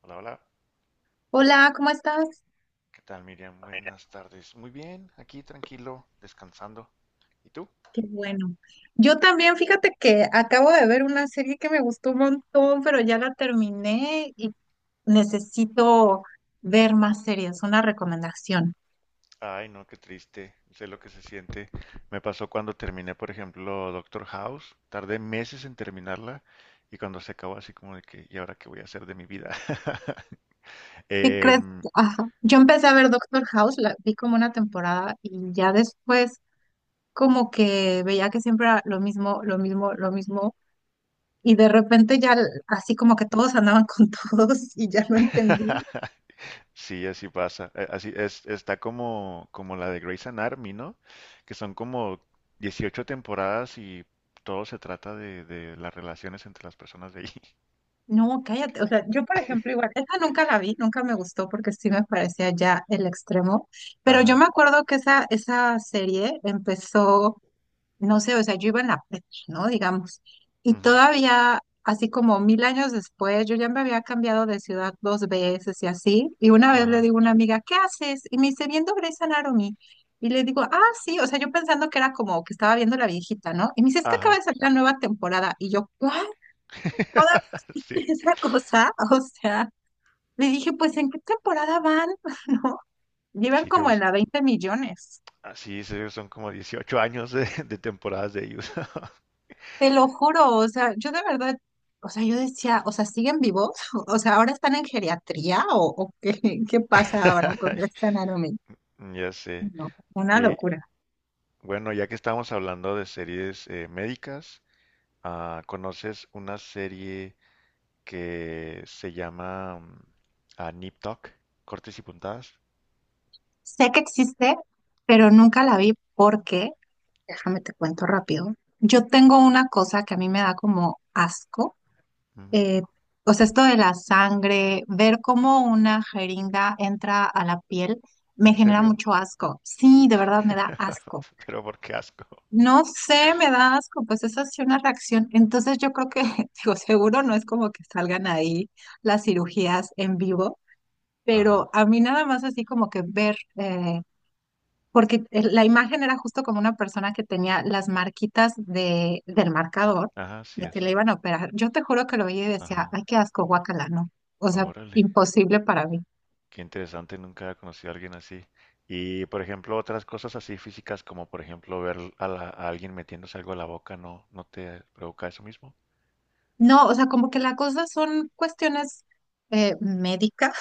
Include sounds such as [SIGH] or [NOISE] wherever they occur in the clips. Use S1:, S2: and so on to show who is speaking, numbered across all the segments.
S1: Hola, hola.
S2: Hola, ¿cómo estás?
S1: ¿Qué tal, Miriam? Buenas tardes. Muy bien, aquí tranquilo, descansando. ¿Y tú?
S2: Qué bueno. Yo también, fíjate que acabo de ver una serie que me gustó un montón, pero ya la terminé y necesito ver más series, una recomendación.
S1: Ay, no, qué triste. Sé lo que se siente. Me pasó cuando terminé, por ejemplo, Doctor House. Tardé meses en terminarla y cuando se acabó así como de que, ¿y ahora qué voy a hacer de mi vida? [LAUGHS]
S2: ¿Qué crees?
S1: Em,
S2: Ajá. Yo empecé a ver Doctor House, la vi como una temporada y ya después como que veía que siempre era lo mismo, lo mismo, lo mismo y de repente así como que todos andaban con [LAUGHS] todos y ya lo entendí.
S1: [LAUGHS] sí, así pasa. Así es, está como, como la de Grey's Anatomy, ¿no? Que son como 18 temporadas y todo se trata de las relaciones entre las personas de ahí.
S2: No, cállate. O sea, yo, por ejemplo, igual, esa nunca la vi, nunca me gustó porque sí me parecía ya el extremo. Pero yo me
S1: Ajá,
S2: acuerdo que esa serie empezó, no sé, o sea, yo iba en la prepa, ¿no? Digamos. Y
S1: ujú,
S2: todavía, así como mil años después, yo ya me había cambiado de ciudad dos veces y así. Y una vez le
S1: ajá,
S2: digo a una amiga, ¿qué haces? Y me dice, viendo Grey's Anatomy. Y le digo, ah, sí, o sea, yo pensando que era como que estaba viendo la viejita, ¿no? Y me dice, es que acaba de
S1: ajá.
S2: salir la nueva temporada. Y yo, ¿cuál?
S1: [LAUGHS]
S2: [LAUGHS]
S1: Sí,
S2: esa cosa, o sea, le dije, pues, ¿en qué temporada van? [LAUGHS] ¿No? Llevan
S1: sí, creo
S2: como
S1: que
S2: en
S1: es-
S2: la 20 millones.
S1: así es, son como 18 años de temporadas de ellos.
S2: Te lo juro, o sea, yo de verdad, o sea, yo decía, o sea, ¿siguen vivos? [LAUGHS] O sea, ¿ahora están en geriatría o qué, [LAUGHS] qué pasa ahora con
S1: [LAUGHS]
S2: Grey's Anatomy?
S1: Ya sé.
S2: No, una
S1: Eh,
S2: locura.
S1: bueno, ya que estamos hablando de series médicas, ah, ¿conoces una serie que se llama ah, Nip Tuck? ¿Cortes y puntadas?
S2: Sé que existe, pero nunca la vi porque, déjame te cuento rápido, yo tengo una cosa que a mí me da como asco,
S1: Mm.
S2: eh, o sea, esto de la sangre, ver cómo una jeringa entra a la piel, me
S1: ¿En
S2: genera
S1: serio?
S2: mucho asco. Sí, de verdad me da
S1: [LAUGHS]
S2: asco.
S1: Pero por qué asco.
S2: No sé, me da asco, pues esa es una reacción. Entonces yo creo que, [LAUGHS] digo, seguro no es como que salgan ahí las cirugías en vivo,
S1: Ajá,
S2: pero a mí nada más así como que ver, porque la imagen era justo como una persona que tenía las marquitas de, del
S1: mm,
S2: marcador
S1: ajá, sí
S2: de
S1: es.
S2: que le iban a operar. Yo te juro que lo veía y
S1: Ajá,
S2: decía, ay, qué asco, guácala, no. O sea,
S1: órale.
S2: imposible para mí.
S1: Qué interesante, nunca había conocido a alguien así. Y por ejemplo, otras cosas así físicas, como por ejemplo ver a, a alguien metiéndose algo a la boca, ¿no, no te provoca eso mismo?
S2: No, o sea, como que la cosa son cuestiones médicas.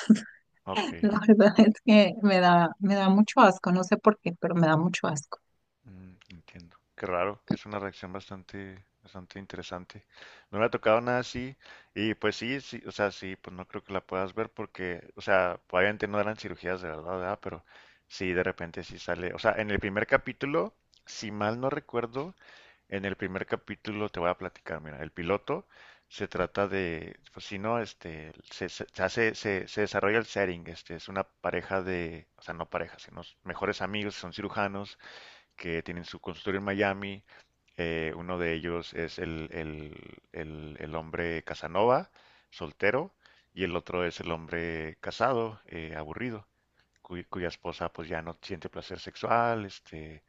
S1: Ok,
S2: [LAUGHS] La verdad es que me da mucho asco, no sé por qué, pero me da mucho asco.
S1: mm, entiendo. Qué raro, que es una reacción bastante, bastante interesante. No me ha tocado nada así, y pues sí, sí, o sea, sí, pues no creo que la puedas ver porque, o sea, obviamente no eran cirugías de verdad, ¿verdad? Pero sí, de repente sí sale. O sea, en el primer capítulo, si mal no recuerdo, en el primer capítulo te voy a platicar, mira, el piloto se trata de, pues si no, este, se desarrolla el setting, este, es una pareja de, o sea, no pareja, sino mejores amigos, son cirujanos que tienen su consultorio en Miami, uno de ellos es el hombre Casanova, soltero, y el otro es el hombre casado, aburrido cuya esposa pues ya no siente placer sexual, este,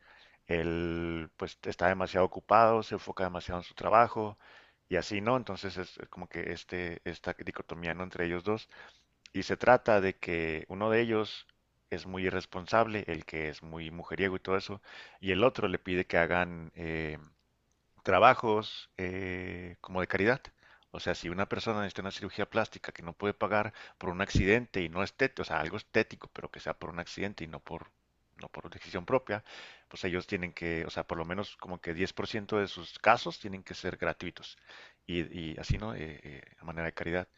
S1: él pues está demasiado ocupado, se enfoca demasiado en su trabajo y así, ¿no? Entonces es como que este, esta dicotomía, ¿no? Entre ellos dos. Y se trata de que uno de ellos es muy irresponsable, el que es muy mujeriego y todo eso, y el otro le pide que hagan trabajos como de caridad. O sea, si una persona necesita una cirugía plástica que no puede pagar por un accidente y no estético, o sea, algo estético, pero que sea por un accidente no por decisión propia, pues ellos tienen que, o sea, por lo menos como que 10% de sus casos tienen que ser gratuitos. Y, y así, ¿no? A manera de caridad.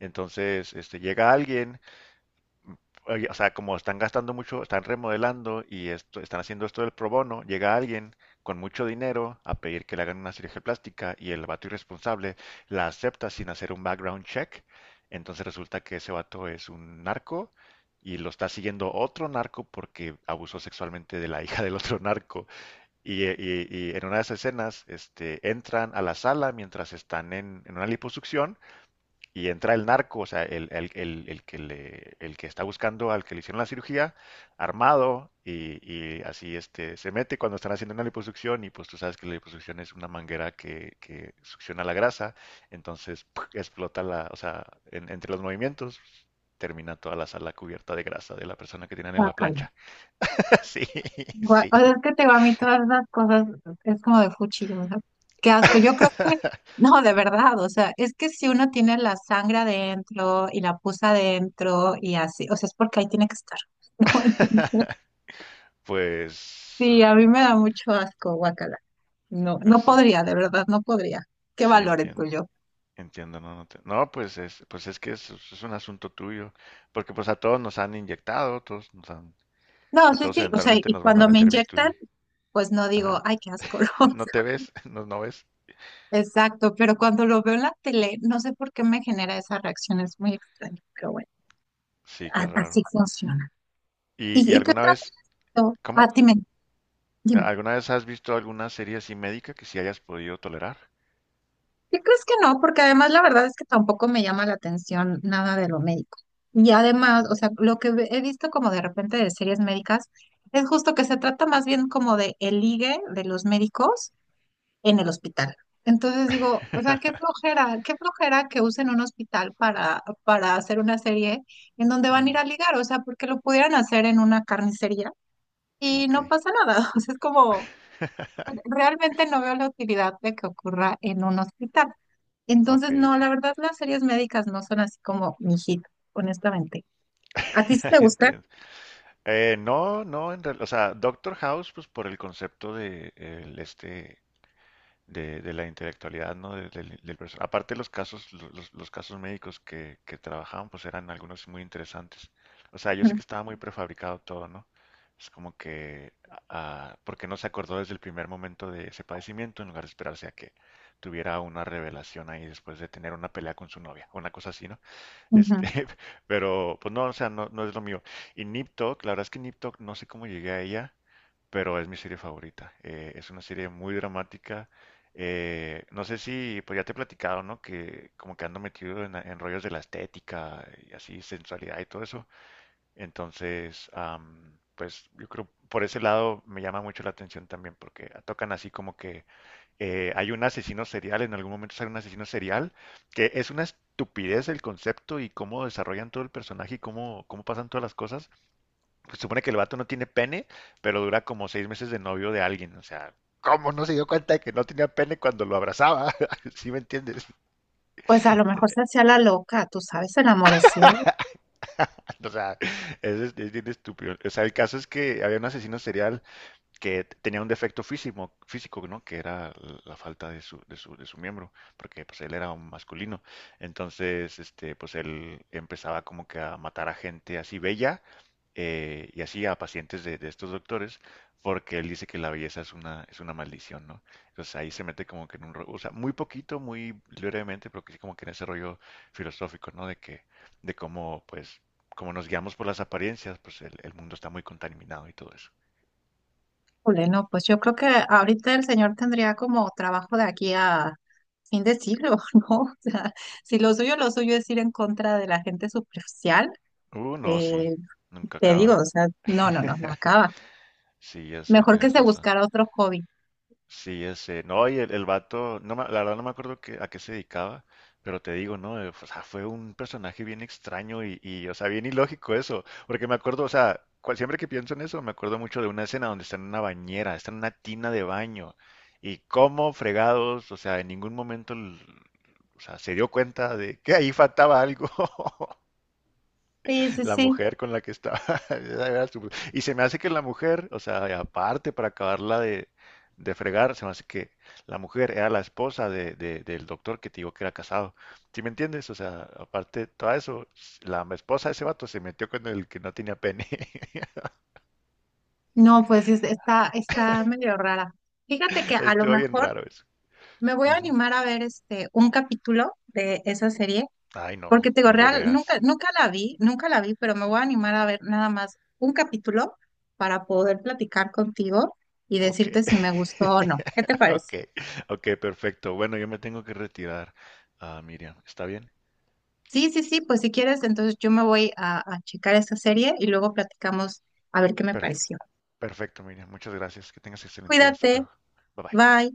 S1: Entonces, este, llega alguien oye, o sea, como están gastando mucho, están remodelando y esto, están haciendo esto del pro bono, llega alguien con mucho dinero a pedir que le hagan una cirugía plástica y el vato irresponsable la acepta sin hacer un background check. Entonces resulta que ese vato es un narco y lo está siguiendo otro narco porque abusó sexualmente de la [LAUGHS] hija del otro narco. Y, y en una de esas escenas, este, entran a la sala mientras están en una liposucción y entra el narco, o sea, el que el que está buscando al que le hicieron la cirugía, armado, y así este, se mete cuando están haciendo una liposucción, y pues tú sabes que la liposucción es una manguera que succiona la grasa, entonces ¡puc! Explota la, o sea, entre los movimientos termina toda la sala cubierta de grasa de la persona que tienen en la
S2: Guácala.
S1: plancha. [LAUGHS] Sí, sí.
S2: O sea, es que te digo, a mí todas esas cosas es como de fuchi, o sea, qué asco. Yo creo que, no, de verdad, o sea, es que si uno tiene la sangre adentro y la pus adentro y así, o sea, es porque ahí tiene que estar, [LAUGHS] ¿no? Entonces,
S1: Pues,
S2: sí, a mí me da mucho asco, guacala. No,
S1: pues
S2: no
S1: sí,
S2: podría, de verdad, no podría. Qué
S1: sí
S2: valor el
S1: entiendo.
S2: tuyo.
S1: Entiendo, no, no, pues es que es un asunto tuyo, porque pues a todos nos han inyectado, todos nos han,
S2: No,
S1: a
S2: sí,
S1: todos
S2: sí, o sea,
S1: eventualmente
S2: y
S1: nos van a
S2: cuando me
S1: meter
S2: inyectan,
S1: bisturí.
S2: pues no digo,
S1: Ajá.
S2: ay, qué asco, [LAUGHS] ¿no?
S1: [LAUGHS] ¿No te ves? [LAUGHS] ¿No, no ves?
S2: Exacto, pero cuando lo veo en la tele, no sé por qué me genera esas reacciones muy extrañas, pero bueno.
S1: Sí, qué raro.
S2: Así funciona.
S1: Y
S2: Y qué
S1: alguna
S2: otras?
S1: vez,
S2: No, ah,
S1: cómo?
S2: dime, dime.
S1: ¿Alguna vez has visto alguna serie así médica que sí hayas podido tolerar?
S2: ¿Qué crees que no? Porque además la verdad es que tampoco me llama la atención nada de lo médico. Y además, o sea, lo que he visto como de repente de series médicas es justo que se trata más bien como de el ligue de los médicos en el hospital. Entonces digo, o sea,
S1: [LAUGHS]
S2: qué flojera que usen un hospital para hacer una serie en donde van a ir
S1: Mm,
S2: a ligar, o sea, porque lo pudieran hacer en una carnicería y
S1: ok,
S2: no pasa nada. [LAUGHS] O sea, es como.
S1: [LAUGHS]
S2: Realmente no veo la utilidad de que ocurra en un hospital.
S1: ok,
S2: Entonces, no,
S1: ok,
S2: la verdad, las series médicas no son así como mi hit, honestamente. ¿A ti sí te
S1: [LAUGHS]
S2: gusta?
S1: entiendo. No, o sea, Doctor House, pues por el concepto de el, este de la intelectualidad, ¿no? Aparte los casos, los casos médicos que trabajaban, pues eran algunos muy interesantes. O sea, yo sé
S2: Ujú,
S1: que estaba muy prefabricado todo, ¿no? Es como que, ah, porque no se acordó desde el primer momento de ese padecimiento en lugar de esperarse a que tuviera una revelación ahí después de tener una pelea con su novia, una cosa así, ¿no? Este,
S2: ujú.
S1: [LAUGHS] pero pues no, o sea, no, no es lo mío. Y Nip Tuck, la verdad es que Nip Tuck, no sé cómo llegué a ella, pero es mi serie favorita. Es una serie muy dramática. No sé si, pues ya te he platicado, ¿no? Que como que ando metido en rollos de la estética y así, sensualidad y todo eso. Entonces, am, pues yo creo por ese lado me llama mucho la atención también, porque tocan así como que hay un asesino serial, en algún momento sale un asesino serial, que es una estupidez el concepto y cómo desarrollan todo el personaje y cómo, cómo pasan todas las cosas, se supone que el vato no tiene pene, pero dura como seis meses de novio de alguien. O sea, ¿cómo no se dio cuenta de que no tenía pene cuando lo abrazaba? [LAUGHS] ¿Sí me entiendes? [LAUGHS]
S2: Pues a lo mejor se hacía la loca, tú sabes, el amor es ciego.
S1: O sea, es bien estúpido. O sea, el caso es que había un asesino serial que tenía un defecto físico, físico, ¿no? Que era la falta de de su miembro, porque pues él era un masculino. Entonces, este, pues él empezaba como que a matar a gente así bella, y así a pacientes de estos doctores, porque él dice que la belleza es una maldición, ¿no? Entonces ahí se mete como que en un rollo, o sea, muy poquito, muy brevemente, pero que sí como que en ese rollo filosófico, ¿no? De que, de cómo, pues, como nos guiamos por las apariencias, pues el mundo está muy contaminado y todo eso.
S2: Híjole, no, pues yo creo que ahorita el señor tendría como trabajo de aquí a fin de siglo, [LAUGHS] ¿no? O sea, si lo suyo, lo suyo es ir en contra de la gente superficial,
S1: No, sí,
S2: eh,
S1: nunca
S2: te digo,
S1: acaba.
S2: o sea, no, no, no, no
S1: [LAUGHS]
S2: acaba.
S1: Sí, ya sé,
S2: Mejor que
S1: tienes
S2: se
S1: razón.
S2: buscara otro hobby.
S1: Sí, ya sé. No, y el vato, la verdad no me acuerdo a qué se dedicaba, pero te digo, ¿no? O sea, fue un personaje bien extraño y, o sea, bien ilógico eso. Porque me acuerdo, o sea, siempre que pienso en eso, me acuerdo mucho de una escena donde está en una bañera, está en una tina de baño. Y cómo fregados, o sea, en ningún momento, o sea, se dio cuenta de que ahí faltaba algo. [LAUGHS]
S2: Sí, sí,
S1: La
S2: sí.
S1: mujer con la que estaba. [LAUGHS] Y se me hace que la mujer, o sea, y aparte para acabarla de fregar, se me hace que la mujer era la esposa del doctor que te digo que era casado. ¿Sí me entiendes? O sea, aparte de todo eso, la esposa de ese vato se metió con el que no tenía pene. [LAUGHS]
S2: No, pues está, está medio rara. Fíjate que a lo
S1: Estuvo bien
S2: mejor
S1: raro eso.
S2: me voy a
S1: Ujú.
S2: animar a ver este un capítulo de esa serie,
S1: Ay,
S2: porque
S1: no,
S2: te digo,
S1: no lo
S2: real, nunca,
S1: veas.
S2: nunca la vi, nunca la vi, pero me voy a animar a ver nada más un capítulo para poder platicar contigo y
S1: Ok.
S2: decirte si me gustó o no. ¿Qué te
S1: [LAUGHS] Ok,
S2: parece?
S1: ok, perfecto. Bueno, yo me tengo que retirar, ah, Miriam. ¿Está bien?
S2: Sí, sí, sí, pues si quieres, entonces yo me voy a checar esa serie y luego platicamos a ver qué me
S1: Perfecto.
S2: pareció.
S1: Perfecto, Miriam. Muchas gracias. Que tengas excelente día. Hasta
S2: Cuídate,
S1: luego. Bye bye.
S2: bye.